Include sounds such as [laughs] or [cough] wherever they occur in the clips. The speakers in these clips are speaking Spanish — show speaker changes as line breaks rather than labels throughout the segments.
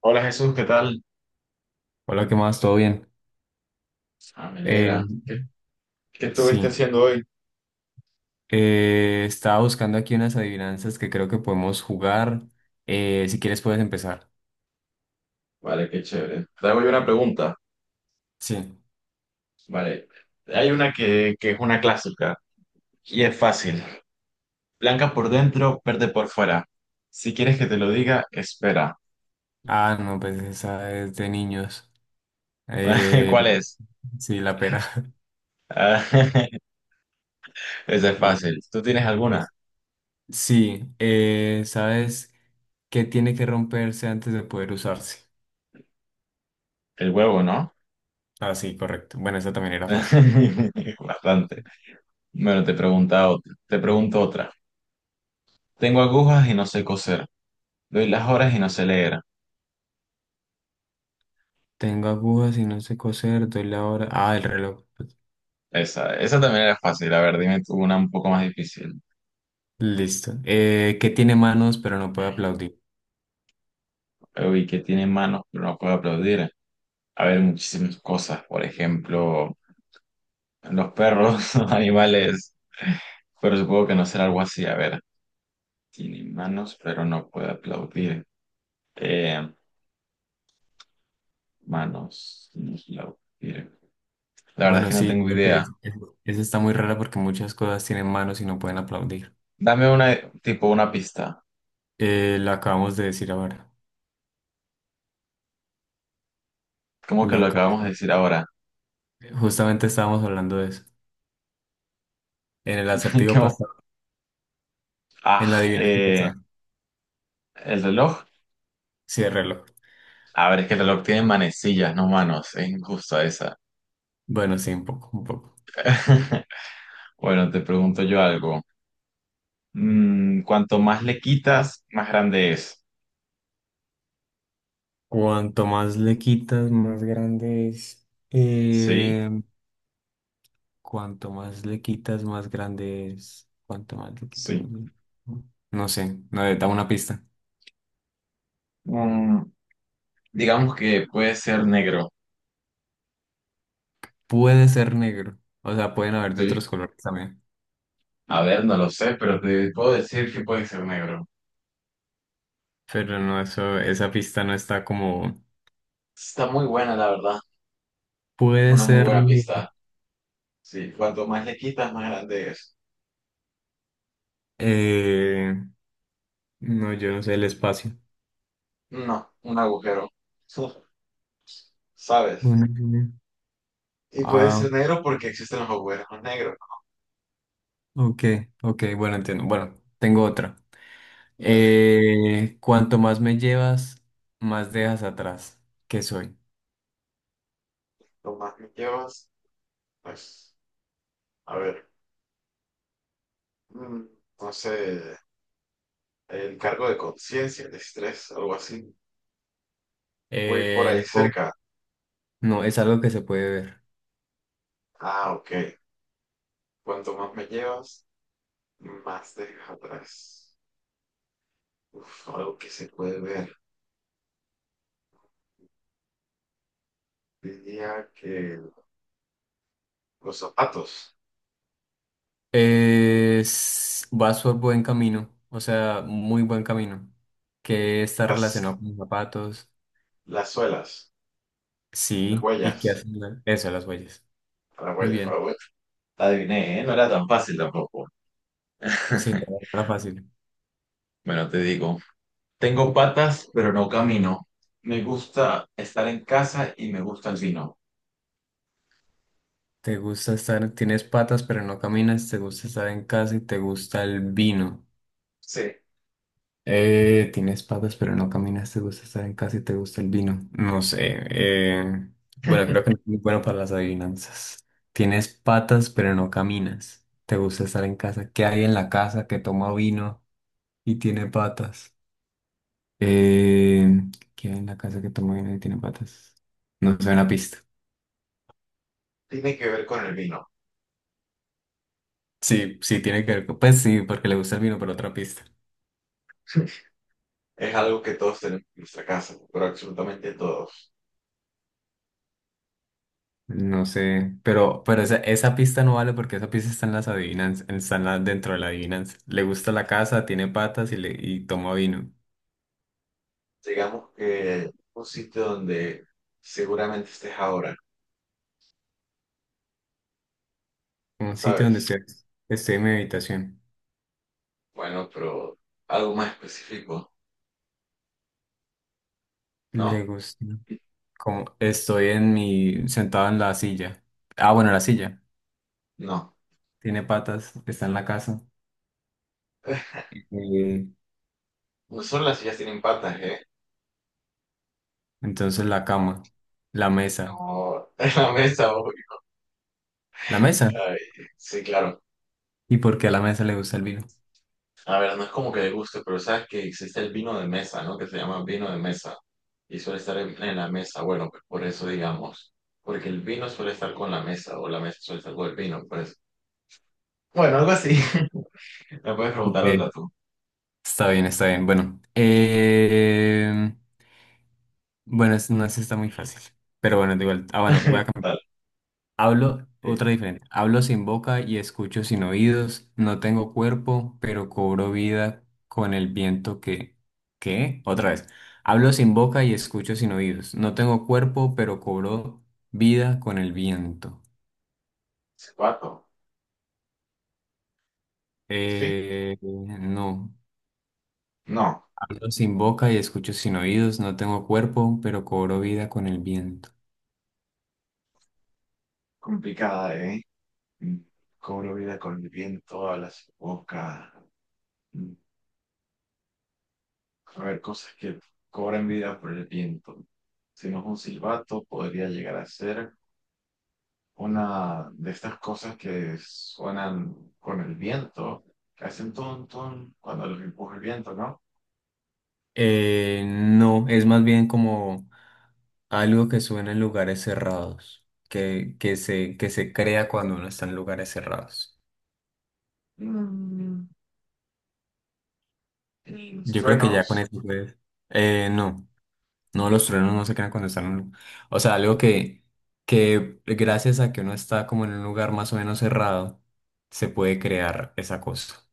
Hola Jesús, ¿qué tal?
Hola, ¿qué más? ¿Todo bien?
Ah, me
Eh,
alegra. ¿Qué estuviste
sí,
haciendo hoy?
estaba buscando aquí unas adivinanzas que creo que podemos jugar. Si quieres puedes empezar.
Vale, qué chévere. Te hago yo una pregunta.
Sí.
Vale, hay una que es una clásica y es fácil. Blanca por dentro, verde por fuera. Si quieres que te lo diga, espera.
Ah, no, pues esa es de niños.
[laughs]
Eh,
¿Cuál es?
sí, la pera. [laughs]
Ah, [laughs] esa es
Sí,
fácil. ¿Tú tienes alguna?
es- Sí, ¿sabes qué tiene que romperse antes de poder usarse?
El huevo, ¿no?
Ah, sí, correcto. Bueno, esa también era fácil.
[laughs] Bastante. Bueno, te pregunta otra. Te pregunto otra. Tengo agujas y no sé coser. Doy las horas y no sé leer.
Tengo agujas y no sé coser, doy la hora. Ah, el reloj.
Esa también era fácil. A ver, dime tú una un poco más difícil.
Listo. ¿Qué tiene manos pero no puede aplaudir?
Uy, que tiene manos, pero no puede aplaudir. A ver, muchísimas cosas. Por ejemplo, los perros, [laughs] los animales. Pero supongo que no será algo así. A ver, tiene manos, pero no puede aplaudir. Eh, Manos, no puede aplaudir. La verdad es
Bueno,
que no
sí,
tengo
creo que
idea.
esa está muy rara porque muchas cosas tienen manos y no pueden aplaudir.
Dame una, tipo, una pista.
Lo acabamos de decir ahora.
¿Cómo que
Lo
lo acabamos de
acabamos.
decir ahora?
Justamente estábamos hablando de eso. En el
[laughs]
acertijo
¿Cómo?
pasado,
Ah,
en la adivinanza
eh,
pasada.
el reloj.
Sí, el reloj.
A ver, es que el reloj tiene manecillas, no manos. Es injusto esa.
Bueno, sí, un poco, un poco.
[laughs] Bueno, te pregunto yo algo. Cuanto más le quitas, más grande es.
Cuanto más le quitas, más grande es.
Sí,
Cuanto más le quitas, más grande es. Cuanto más le quitas,
sí.
más grande... No sé, no, da una pista.
Mm, digamos que puede ser negro.
Puede ser negro. O sea, pueden haber de
Sí.
otros colores también.
A ver, no lo sé, pero te puedo decir que puede ser negro.
Pero no, eso, esa pista no está como...
Está muy buena, la verdad.
Puede
Una muy
ser...
buena pista. Sí, cuanto más le quitas, más grande es.
eh, no, yo no sé, el espacio.
No, un agujero. [laughs] Uf, ¿sabes?
Bueno, bueno.
Y puede
Ah,
ser negro porque existen los agujeros negros.
ok, ok, bueno, entiendo. Bueno, tengo otra.
Dale,
Cuanto más me llevas, más dejas atrás. ¿Qué soy?
lo más que llevas, pues, a ver. Mm, no sé. El cargo de conciencia, el estrés, algo así. Voy por ahí
No,
cerca.
no, es algo que se puede ver.
Ah, ok. Cuanto más me llevas, más dejas atrás. Uf, algo que se puede ver. Diría que los zapatos,
Vas por buen camino, o sea, muy buen camino, que está
las,
relacionado con zapatos.
las suelas, las
Sí, ¿y qué
huellas.
hacen? Eso, las huellas.
Las
Muy
huellas, por
bien.
favor. Adiviné, ¿eh? No era tan fácil tampoco.
Sí,
[laughs]
era fácil.
Bueno, te digo, tengo patas, pero no camino. Me gusta estar en casa y me gusta el vino.
¿Te gusta estar, tienes patas pero no caminas, te gusta estar en casa y te gusta el vino?
Sí,
Tienes patas pero no caminas, te gusta estar en casa y te gusta el vino. No sé. Bueno, creo que no es muy bueno para las adivinanzas. Tienes patas pero no caminas, te gusta estar en casa. ¿Qué hay en la casa que toma vino y tiene patas? Eh, ¿Qué hay en la casa que toma vino y tiene patas? No sé, una pista.
tiene que ver con el vino.
Sí, sí, tiene que ver. Pues sí, porque le gusta el vino, pero otra pista.
Es algo que todos tenemos en nuestra casa, ¿no? Pero absolutamente todos.
No sé, pero esa pista no vale porque esa pista está en las adivinanzas, está en dentro de la adivinanza. Le gusta la casa, tiene patas y, le, y toma vino.
Digamos que un sitio donde seguramente estés ahora,
Un sitio donde
¿sabes?
estoy, estoy en mi habitación.
Bueno, pero algo más específico,
Le
¿no?
gusta. Como estoy en mi, sentado en la silla. Ah, bueno, la silla.
No.
Tiene patas, está en la casa. Eh,
No solo las sillas tienen patas, ¿eh?
entonces la cama, la mesa.
No, [laughs] es la mesa, uy,
¿La mesa?
ay, sí, claro.
¿Y por qué a la mesa le gusta el vino?
A ver, no es como que le guste, pero sabes que existe el vino de mesa, ¿no? Que se llama vino de mesa. Y suele estar en la mesa. Bueno, pues por eso digamos. Porque el vino suele estar con la mesa, o la mesa suele estar con el vino, pues. Bueno, algo así. [laughs] Me puedes preguntar
Ok.
otra tú.
Está bien, está bien. Bueno, bueno, no es está muy fácil. Pero bueno, da igual. Ah, bueno, voy
[laughs]
a cambiar.
Dale.
Hablo,
Sí.
otra diferente. Hablo sin boca y escucho sin oídos. No tengo cuerpo, pero cobro vida con el viento que... ¿Qué? Otra vez. Hablo sin boca y escucho sin oídos. No tengo cuerpo, pero cobro vida con el viento.
Zapato. Sí.
No.
No.
Hablo sin boca y escucho sin oídos. No tengo cuerpo, pero cobro vida con el viento.
Complicada, ¿eh? Mm, Cobro vida con el viento a las bocas. Mm, A ver, cosas que cobran vida por el viento. Si no es un silbato, podría llegar a ser una de estas cosas que suenan con el viento, que hacen ton, ton cuando los empuja el viento, ¿no?
No, es más bien como algo que suena en lugares cerrados, que, que se crea cuando uno está en lugares cerrados.
Mm, Los
Yo creo que ya con
truenos,
eso puedes. No, no, los truenos no se crean cuando están en un... O sea, algo que gracias a que uno está como en un lugar más o menos cerrado, se puede crear esa cosa.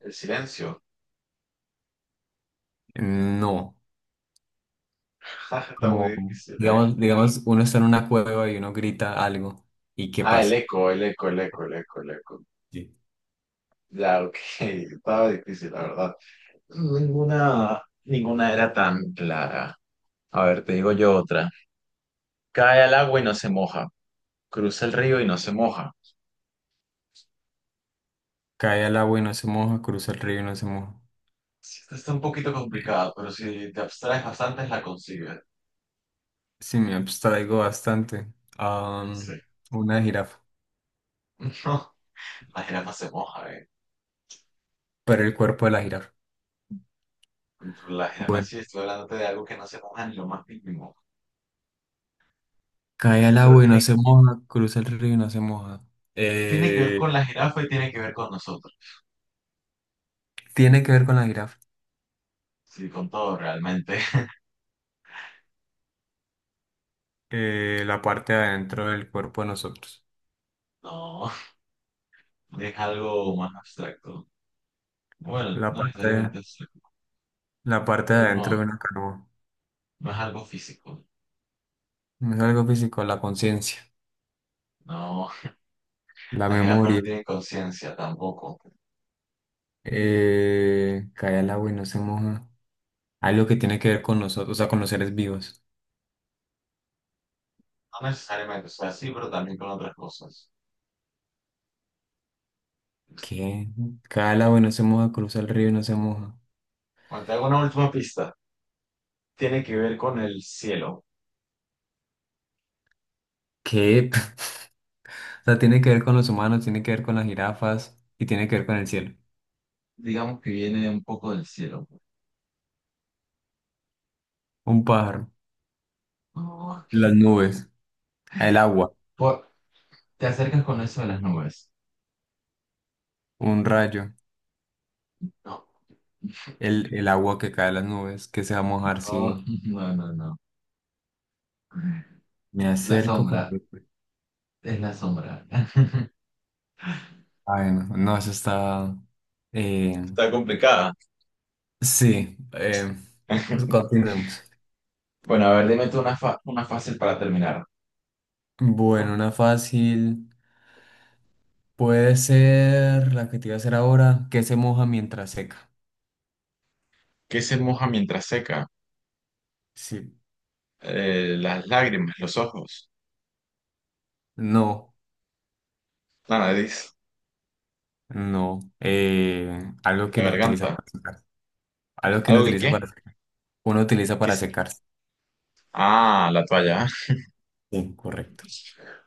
el silencio.
No,
[laughs] Está muy
como,
difícil, ¿eh?
digamos, digamos, uno está en una cueva y uno grita algo, ¿y qué
Ah, el
pasa?
eco, el eco, el eco, el eco, el eco. Ya, ok. [laughs] Estaba difícil, la verdad. Ninguna, ninguna era tan clara. A ver, te digo yo otra. Cae al agua y no se moja. Cruza el río y no se moja.
Cae al agua y no se moja, cruza el río y no se moja.
Esta está un poquito complicada, pero si te abstraes bastante la consigues.
Sí, me abstraigo bastante. Am,
Sí.
una jirafa,
[laughs] No, la jirafa se moja, eh.
pero el cuerpo de la jirafa.
La jirafa
Bueno,
sí, estoy hablando de algo que no se moja ni lo más mínimo.
cae al
Pero
agua y no
tiene,
se moja, cruza el río y no se moja.
tiene que ver
Eh,
con la jirafa y tiene que ver con nosotros.
Tiene que ver con la jirafa.
Sí, con todo realmente. [laughs]
La parte de adentro del cuerpo de nosotros.
No, es algo más
Eh,
abstracto. Bueno,
La
no
parte
necesariamente
de,
abstracto,
la parte de
pero no,
adentro de una canoa.
no es algo físico.
No es algo físico, la conciencia,
No,
la
las jirafas no
memoria.
tienen conciencia tampoco.
Cae al agua y no se moja. Algo que tiene que ver con nosotros, o sea, con los seres vivos.
No necesariamente, o sea, sí, pero también con otras cosas.
¿Qué? Cada agua y no se moja, cruza el río y no se moja.
Bueno, te hago una última pista. Tiene que ver con el cielo.
¿Qué? [laughs] O sea, tiene que ver con los humanos, tiene que ver con las jirafas y tiene que ver con el cielo.
Digamos que viene un poco del cielo.
Un pájaro,
No,
las nubes, el agua,
por- te acercas con eso de las nubes.
un rayo,
No,
el agua que cae de las nubes, que se va a mojar
no,
si
[laughs] no, no, no.
me
La
acerco
sombra,
con...
es la sombra. [laughs]
Ay, no, no, eso está... eh,
Está complicada.
sí, pues continuemos.
Bueno, a ver, dime tú una, fa- una fácil para terminar.
Bueno, una fácil puede ser la que te iba a hacer ahora, que se moja mientras seca.
¿Qué se moja mientras seca?
Sí,
Las lágrimas, los ojos,
no,
la nariz,
no. Algo que
la
uno utiliza
garganta.
para secarse. Algo que uno
¿Algo que
utiliza
qué?
para secarse. Uno utiliza
¿Qué
para
es?
secarse.
Ah, la toalla. [laughs]
Sí, correcto.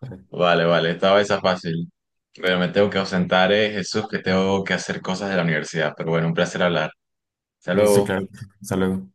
Correcto.
Vale, vale, estaba esa fácil. Pero me tengo que ausentar, Jesús, que tengo que hacer cosas de la universidad. Pero bueno, un placer hablar. Hasta
Listo,
luego.
claro. Hasta luego.